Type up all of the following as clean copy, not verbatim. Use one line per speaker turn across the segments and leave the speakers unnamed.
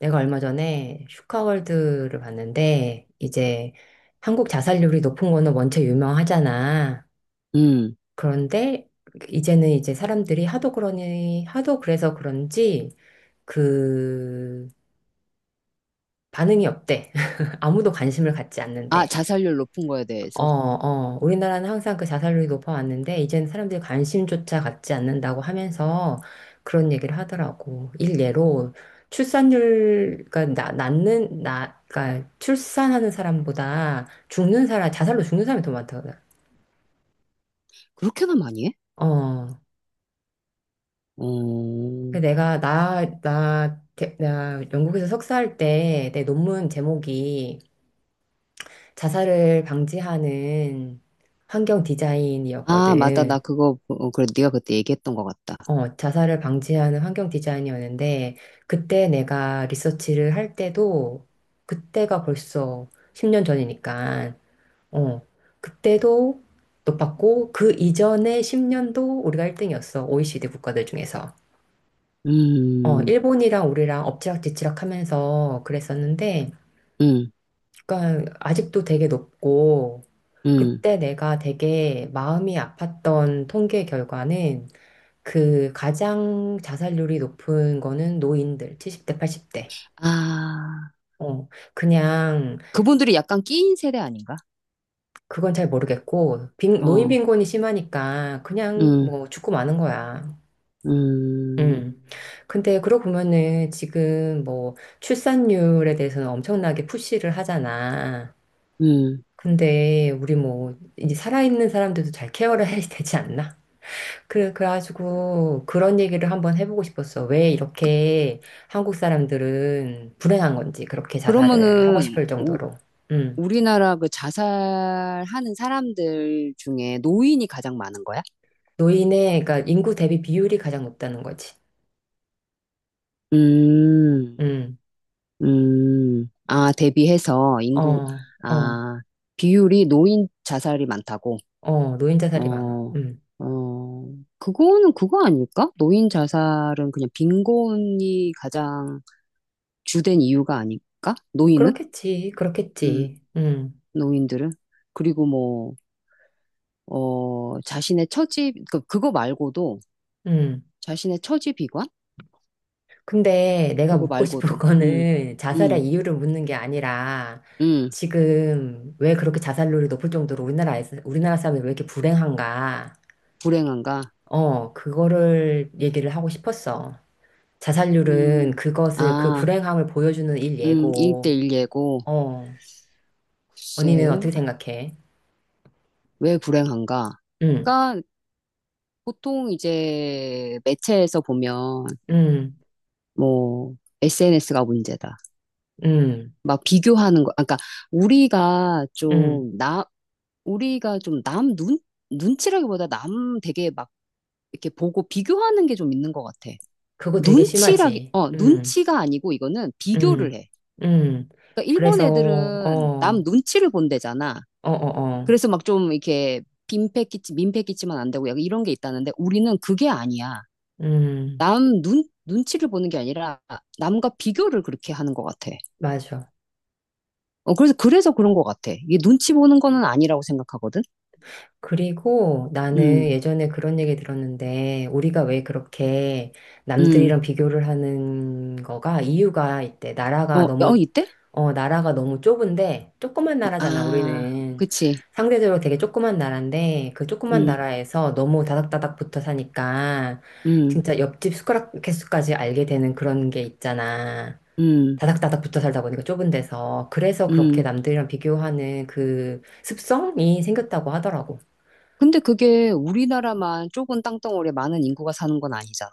내가 얼마 전에 슈카월드를 봤는데, 이제 한국 자살률이 높은 거는 원체 유명하잖아.
음.
그런데 이제는 이제 사람들이 하도 그래서 그런지 그 반응이 없대. 아무도 관심을 갖지
아,
않는데.
자살률 높은 거에
어,
대해서.
어, 우리나라는 항상 그 자살률이 높아왔는데, 이제는 사람들이 관심조차 갖지 않는다고 하면서 그런 얘기를 하더라고. 일례로 출산율, 그러니까 그러니까 출산하는 사람보다 죽는 사람, 자살로 죽는 사람이 더 많다거든.
그렇게나 많이 해?
어.
어.
그 내가 나 영국에서 석사할 때 내 논문 제목이 자살을 방지하는 환경
아, 맞다. 나
디자인이었거든.
그거, 어, 그래. 네가 그때 얘기했던 것 같다.
어, 자살을 방지하는 환경 디자인이었는데, 그때 내가 리서치를 할 때도, 그때가 벌써 10년 전이니까, 어, 그때도 높았고, 그 이전에 10년도 우리가 1등이었어. OECD 국가들 중에서. 어,
음,
일본이랑 우리랑 엎치락뒤치락 하면서 그랬었는데,
음,
그러니까 아직도 되게 높고,
음.
그때 내가 되게 마음이 아팠던 통계 결과는 그 가장 자살률이 높은 거는 노인들 70대, 80대.
아,
어, 그냥
그분들이 약간 끼인 세대 아닌가?
그건 잘 모르겠고 노인
어,
빈곤이 심하니까 그냥
음,
뭐 죽고 마는 거야.
음,
음. 근데 그러고 보면은 지금 뭐 출산율에 대해서는 엄청나게 푸시를 하잖아.
음.
근데 우리 뭐 이제 살아있는 사람들도 잘 케어를 해야 되지 않나? 그래, 그래가지고 그런 얘기를 한번 해보고 싶었어. 왜 이렇게 한국 사람들은 불행한 건지, 그렇게 자살을 하고
그러면은,
싶을
우,
정도로. 음.
우리나라 그 자살하는 사람들 중에 노인이 가장 많은 거야?
노인의, 그러니까 인구 대비 비율이 가장 높다는 거지.
음.
음.
아, 대비해서 인구,
어, 어,
아, 비율이 노인 자살이 많다고.
어, 노인 자살이 많아.
어,
음.
어, 그거는 그거 아닐까? 노인 자살은 그냥 빈곤이 가장 주된 이유가 아닐까? 노인은?
그렇겠지,
음,
그렇겠지.
노인들은? 그리고 뭐, 어, 자신의 처지, 그, 그거 말고도,
음.
자신의 처지 비관?
근데 내가
그거
묻고 싶은
말고도,
거는 자살의
음,
이유를 묻는 게 아니라
음,
지금 왜 그렇게 자살률이 높을 정도로 우리나라에서, 우리나라 사람이 왜 이렇게 불행한가?
불행한가?
어, 그거를 얘기를 하고 싶었어. 자살률은
음,
그것을, 그
아,
불행함을 보여주는 일 예고.
1대1 예고.
어, 언니는
글쎄,
어떻게 생각해?
왜 불행한가?
응,
그러니까 보통 이제 매체에서 보면
응,
뭐 SNS가 문제다.
응,
막 비교하는 거. 그러니까 우리가
응.
좀 나, 우리가 좀 남 눈? 눈치라기보다 남 되게 막 이렇게 보고 비교하는 게 좀 있는 것 같아.
그거 되게
눈치라기,
심하지.
어,
응,
눈치가 아니고 이거는 비교를
응,
해.
응.
그러니까 일본
그래서, 어,
애들은 남
어,
눈치를 본대잖아.
어, 어.
그래서 막 좀 이렇게 민폐 끼치면 안 되고 약간 이런 게 있다는데 우리는 그게 아니야.
음,
남 눈, 눈치를 보는 게 아니라 남과 비교를 그렇게 하는 것 같아.
맞아.
어, 그래서, 그래서 그런 것 같아. 이게 눈치 보는 거는 아니라고 생각하거든.
그리고 나는
음,
예전에 그런 얘기 들었는데, 우리가 왜 그렇게
음.
남들이랑 비교를 하는 거가 이유가 있대.
어, 어, 이때?
나라가 너무 좁은데, 조그만 나라잖아,
아,
우리는.
그치.
상대적으로 되게 조그만 나라인데, 그 조그만
음,
나라에서 너무 다닥다닥 붙어 사니까,
음,
진짜 옆집 숟가락 개수까지 알게 되는 그런 게 있잖아.
음,
다닥다닥 붙어 살다 보니까 좁은 데서. 그래서 그렇게
음.
남들이랑 비교하는 그 습성이 생겼다고 하더라고.
근데 그게 우리나라만 좁은 땅덩어리에 많은 인구가 사는 건 아니잖아.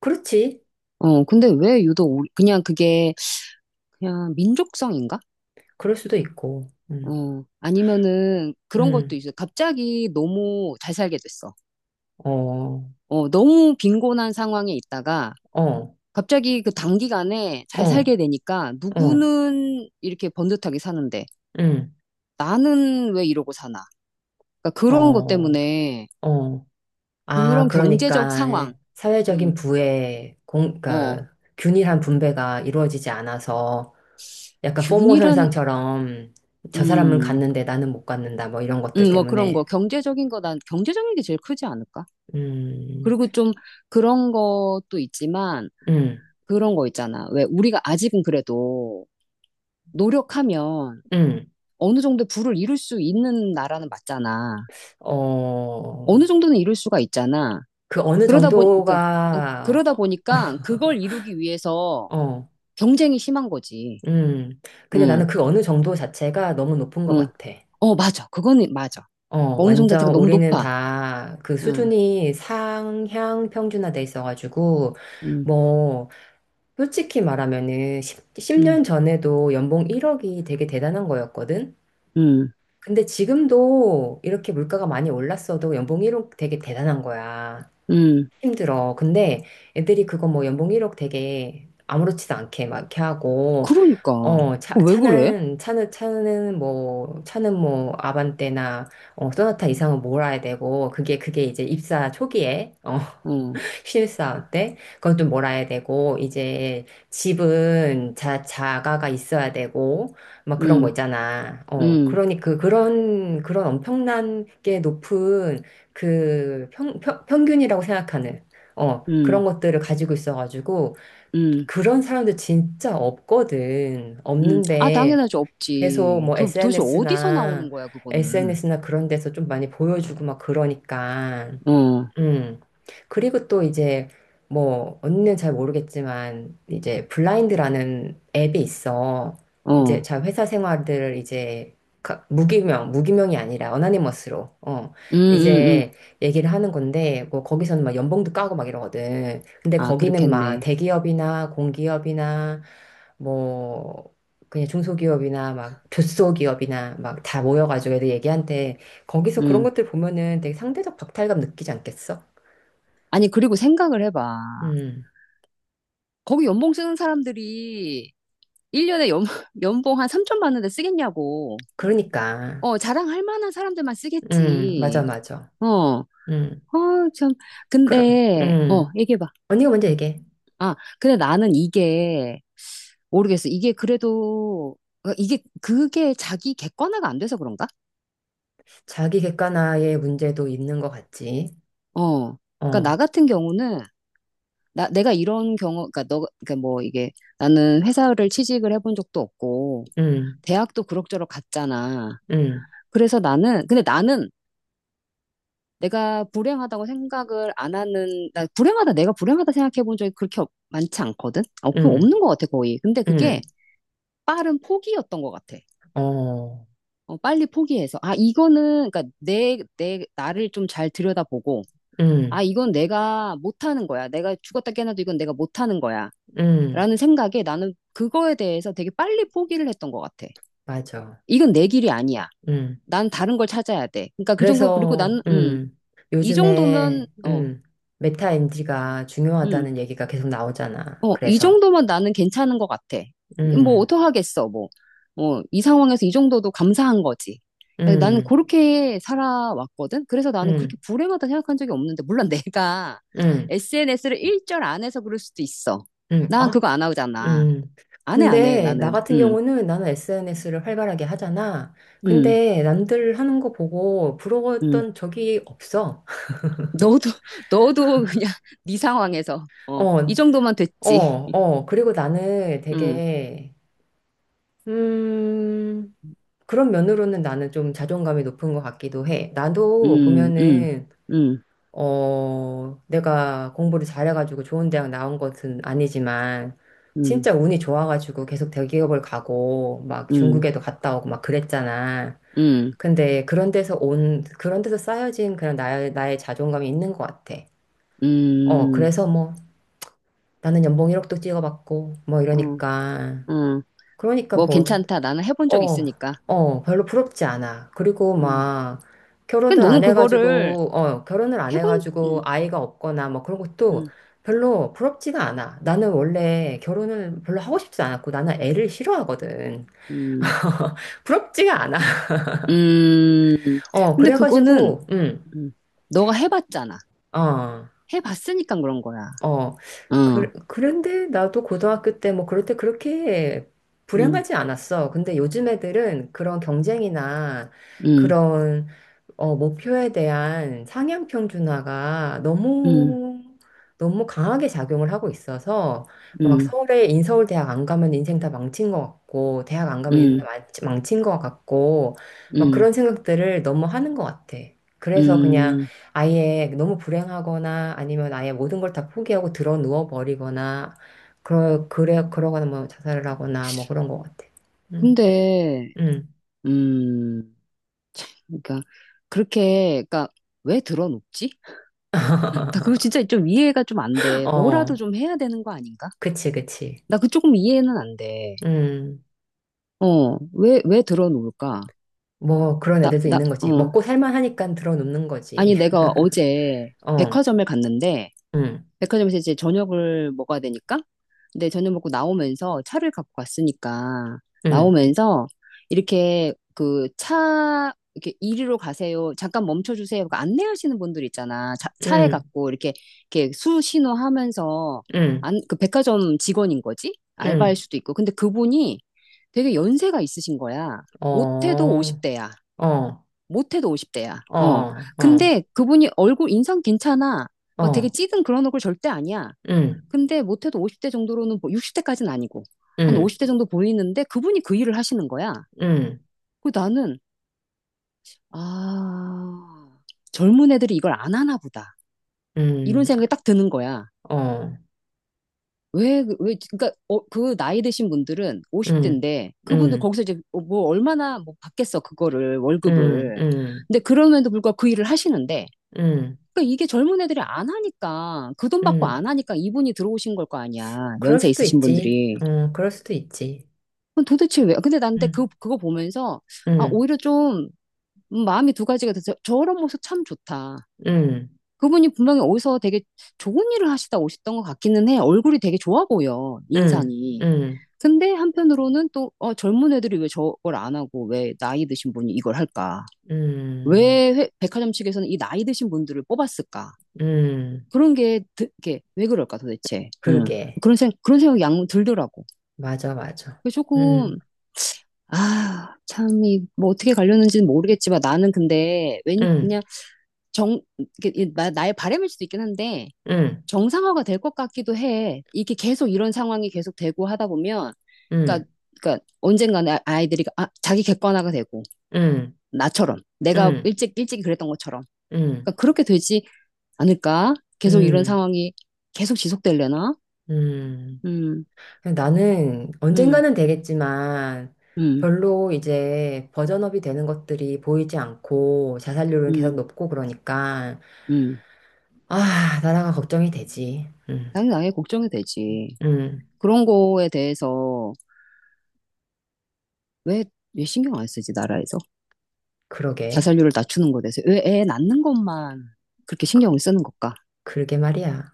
그렇지.
어, 근데 왜 유독 우리- 그냥 그게 그냥 민족성인가?
그럴 수도 있고.
어, 아니면은 그런 것도
음,
있어요. 갑자기 너무 잘 살게 됐어.
어, 어,
어, 너무 빈곤한 상황에 있다가
어,
갑자기 그 단기간에 잘 살게 되니까
어,
누구는 이렇게 번듯하게 사는데
음,
나는 왜 이러고 사나. 그러니까 그런 것
어,
때문에
어. 아,
그런 경제적
그러니까
상황, 음,
사회적인 부의
어,
그러니까 균일한 분배가 이루어지지 않아서 약간 포모
균이란,
현상처럼 저 사람은
음,
갔는데 나는 못 갔는다 뭐 이런 것들
뭐 그런 거
때문에
경제적인 거 난 경제적인 게 제일 크지 않을까?
음,
그리고 좀 그런 것도 있지만
음,
그런 거 있잖아. 왜 우리가 아직은 그래도 노력하면
음,
어느 정도 부를 이룰 수 있는 나라는 맞잖아.
어,
어느 정도는 이룰 수가 있잖아.
그 어느
그러다 보니, 그, 아,
정도가
그러다 보니까 그걸 이루기 위해서
어,
경쟁이 심한 거지.
음, 근데
응,
나는 그 어느 정도 자체가 너무 높은 것
응.
같아.
어, 맞아. 그거는 맞아.
어,
어느 정도 대가
완전
너무
우리는
높아.
다 그
응,
수준이 상향 평준화돼 있어가지고
응,
뭐 솔직히 말하면은 10,
응,
년 전에도 연봉 1억이 되게 대단한 거였거든?
응,
근데 지금도 이렇게 물가가 많이 올랐어도 연봉 1억 되게 대단한 거야.
응.
힘들어. 근데 애들이 그거 뭐 연봉 1억 되게 아무렇지도 않게 막 이렇게 하고,
그러니까.
어, 차,
어, 왜 그래?
차는, 차는, 차는 뭐, 차는 뭐, 아반떼나, 어, 소나타 이상은 몰아야 되고, 그게 이제 입사 초기에,
응,
신입사원 때. 그것도 몰아야 되고, 이제 집은 자가가 있어야 되고, 막 그런 거
응,
있잖아. 어,
응,
그러니 그런 엄청난 게 높은 그 평균이라고 생각하는, 어,
응,
그런 것들을 가지고 있어가지고,
응,
그런 사람들 진짜 없거든.
응. 아,
없는데,
당연하지.
계속
없지.
뭐
도, 도대체 어디서 나오는
SNS나,
거야, 그거는.
SNS나 그런 데서 좀 많이 보여주고 막 그러니까.
어,
음. 그리고 또 이제 뭐 언니는 잘 모르겠지만 이제 블라인드라는 앱이 있어.
어.
이제 자 회사 생활들을 이제 무기명, 무기명이 아니라 어나니머스로
음, 음, 음.
이제 얘기를 하는 건데 뭐 거기서는 막 연봉도 까고 막 이러거든. 근데
아,
거기는 막
그렇겠네.
대기업이나 공기업이나 뭐 그냥 중소기업이나 막 조소기업이나 막 다 모여가지고 애들 얘기한테 거기서 그런
음.
것들 보면은 되게 상대적 박탈감 느끼지 않겠어?
아니, 그리고 생각을 해봐.
음,
거기 연봉 쓰는 사람들이 1년에 연봉 한 3천 받는데 쓰겠냐고.
그러니까.
어, 자랑할 만한 사람들만
맞아,
쓰겠지.
맞아.
어, 어,
음,
참.
그럼,
근데, 어, 얘기해봐.
언니가 먼저
음.
얘기해.
아, 근데 나는 이게, 모르겠어. 이게 그래도, 어, 이게, 그게 자기 객관화가 안 돼서 그런가?
자기 객관화의 문제도 있는 것 같지.
어. 그러니까
어,
나 같은 경우는 내가 이런 경우, 그러니까 너, 그러니까 뭐 이게 나는 회사를 취직을 해본 적도 없고,
음,
대학도 그럭저럭 갔잖아.
음,
그래서 나는, 근데 나는 내가 불행하다고 생각을 안 하는, 나 불행하다, 내가 불행하다 생각해 본 적이 그렇게 많지 않거든? 어, 그
음,
없는 것 같아, 거의. 근데 그게
음,
빠른 포기였던 것 같아.
어,
어, 빨리 포기해서. 아, 이거는, 그러니까 나를 좀 잘 들여다보고, 아,
음,
이건 내가 못하는 거야. 내가 죽었다 깨어나도 이건 내가 못하는 거야.
음,
라는 생각에 나는 그거에 대해서 되게 빨리 포기를 했던 것 같아.
맞아.
이건 내 길이 아니야.
음,
난 다른 걸 찾아야 돼. 그러니까 그 정도, 그리고
그래서
나는, 이 정도면,
요즘에
어,
메타 MD가
음,
중요하다는 얘기가 계속 나오잖아.
어, 이
그래서.
정도면 나는 괜찮은 것 같아. 뭐,
음,
어떡하겠어, 뭐. 어, 이 상황에서 이 정도도 감사한 거지. 그러니까 나는
음,
그렇게 살아왔거든. 그래서 나는
음,
그렇게 불행하다 생각한 적이 없는데, 물론 내가
음.
SNS를 일절 안 해서 그럴 수도 있어. 난
아,
그거 안 하잖아.
음.
안 해, 안 해,
근데 나
나는.
같은 경우는 나는 SNS를 활발하게 하잖아.
음,
근데 남들 하는 거 보고
음.
부러웠던 적이 없어.
너도, 너도 그냥 네 상황에서,
어,
어, 이 정도면
어,
됐지.
어. 그리고 나는
음,
되게, 음, 그런 면으로는 나는 좀 자존감이 높은 것 같기도 해. 나도
음, 음,
보면은
음,
내가 공부를 잘해가지고 좋은 대학 나온 것은 아니지만,
음,
진짜 운이 좋아가지고 계속 대기업을 가고, 막
음,
중국에도 갔다 오고 막 그랬잖아.
음,
근데 그런 데서 쌓여진 그냥 나의 자존감이 있는 것 같아.
음,
그래서 뭐, 나는 연봉 1억도 찍어봤고, 뭐
어,
이러니까.
음.
그러니까
뭐
뭐,
괜찮다. 나는 해본 적
어,
있으니까.
별로 부럽지 않아. 그리고
음.
막
근데 너는 그거를
결혼을 안
해본,
해가지고 아이가 없거나 뭐 그런 것도
음,
별로 부럽지가 않아. 나는 원래 결혼을 별로 하고 싶지 않았고 나는 애를 싫어하거든.
음,
부럽지가 않아.
음.
어,
근데 그거는,
그래가지고,
음, 너가 해봤잖아.
어,
해봤으니까 그런 거야.
어.
어,
그런데 나도 고등학교 때 뭐 그럴 때 그렇게
음,
불행하지 않았어. 근데 요즘 애들은 그런 경쟁이나
음,
그런 목표에 대한 상향 평준화가
음,
너무 너무 강하게 작용을 하고 있어서 막
음,
서울에 인서울 대학 안 가면 인생 다 망친 것 같고 대학 안 가면 인생 다
음,
망친 것 같고 막
음,
그런 생각들을 너무 하는 것 같아. 그래서 그냥
음.
아예 너무 불행하거나 아니면 아예 모든 걸 다 포기하고 들어 누워 버리거나 그러거나 뭐 자살을 하거나 뭐 그런 것 같아. 음,
근데,
음,
음, 그러니까 그렇게, 그러니까 왜 들어눕지? 나 그거 진짜 좀 이해가 좀 안 돼.
어,
뭐라도 좀 해야 되는 거 아닌가?
그치, 그치.
나 그 조금 이해는 안 돼.
음.
어, 왜, 왜 들어놓을까?
뭐 그런 애들도 있는 거지.
어.
먹고 살만하니까 들어눕는 거지.
아니, 내가 어제
어,
백화점을 갔는데,
응,
백화점에서 이제 저녁을 먹어야 되니까. 근데 저녁 먹고 나오면서 차를 갖고 갔으니까
응,
나오면서 이렇게 그 차 이렇게 이리로 가세요. 잠깐 멈춰 주세요. 그 안내하시는 분들 있잖아. 차, 차에
응,
갖고 이렇게 수신호 하면서
응,
안, 그 백화점 직원인 거지? 알바일
응,
수도 있고. 근데 그분이 되게 연세가 있으신 거야.
어,
못해도
어,
50대야.
어,
못해도 50대야. 어.
어,
근데 그분이 얼굴 인상 괜찮아. 막 되게
어,
찌든 그런 얼굴 절대 아니야.
응,
근데 못해도 50대 정도로는, 뭐 60대까지는 아니고, 한
응,
50대 정도 보이는데 그분이 그 일을 하시는 거야.
응,
그 나는, 아, 젊은 애들이 이걸 안 하나 보다. 이런
응,
생각이 딱 드는 거야.
어,
왜, 그- 왜, 그니까, 어, 그 나이 드신 분들은
응,
50대인데, 그분들
응,
거기서 이제 어, 뭐 얼마나 뭐 받겠어, 그거를,
응,
월급을.
응,
근데 그럼에도 불구하고 그 일을 하시는데,
응,
그니까 이게 젊은 애들이 안 하니까, 그 돈 받고
응.
안 하니까 이분이 들어오신 걸 거 아니야.
그럴
연세
수도
있으신
있지.
분들이.
어, 그럴 수도 있지.
그럼 도대체 왜? 근데 난 근데
응,
그, 그거 보면서, 아,
응,
오히려 좀, 마음이 두 가지가 돼서 저런 모습 참 좋다.
응,
그분이 분명히 어디서 되게 좋은 일을 하시다 오셨던 것 같기는 해. 얼굴이 되게 좋아 보여,
응,
인상이.
응,
근데 한편으로는 또, 어, 젊은 애들이 왜 저걸 안 하고, 왜 나이 드신 분이 이걸 할까?
응,
왜 백화점 측에서는 이 나이 드신 분들을 뽑았을까?
응.
그런 게, 드, 게왜 그럴까 도대체? 음.
그러게.
그런 생각이 양 들더라고.
맞아, 맞아.
그래서 조금,
응.
아, 참, 이, 뭐, 어떻게 가려는지는 모르겠지만, 나는 근데, 왠,
응.
그냥, 정, 나의 바람일 수도 있긴 한데,
응,
정상화가 될 것 같기도 해. 이게 계속 이런 상황이 계속 되고 하다 보면, 그러니까,
응,
그러니까, 언젠가는 아이들이, 아, 자기 객관화가 되고,
응,
나처럼,
응,
일찍 그랬던 것처럼.
응,
그러니까, 그렇게 되지 않을까? 계속 이런
응,
상황이 계속 지속되려나?
응.
음,
나는
음,
언젠가는 되겠지만
음,
별로 이제 버전업이 되는 것들이 보이지 않고 자살률은 계속
음,
높고 그러니까
음.
아, 나라가 걱정이 되지. 응,
당연히 나의 걱정이 되지.
응,
그런 거에 대해서, 왜, 왜 신경 안 쓰지, 나라에서?
그러게.
자살률을 낮추는 것에 대해서. 왜 애 낳는 것만 그렇게
그,
신경을 쓰는 걸까?
그러게 말이야.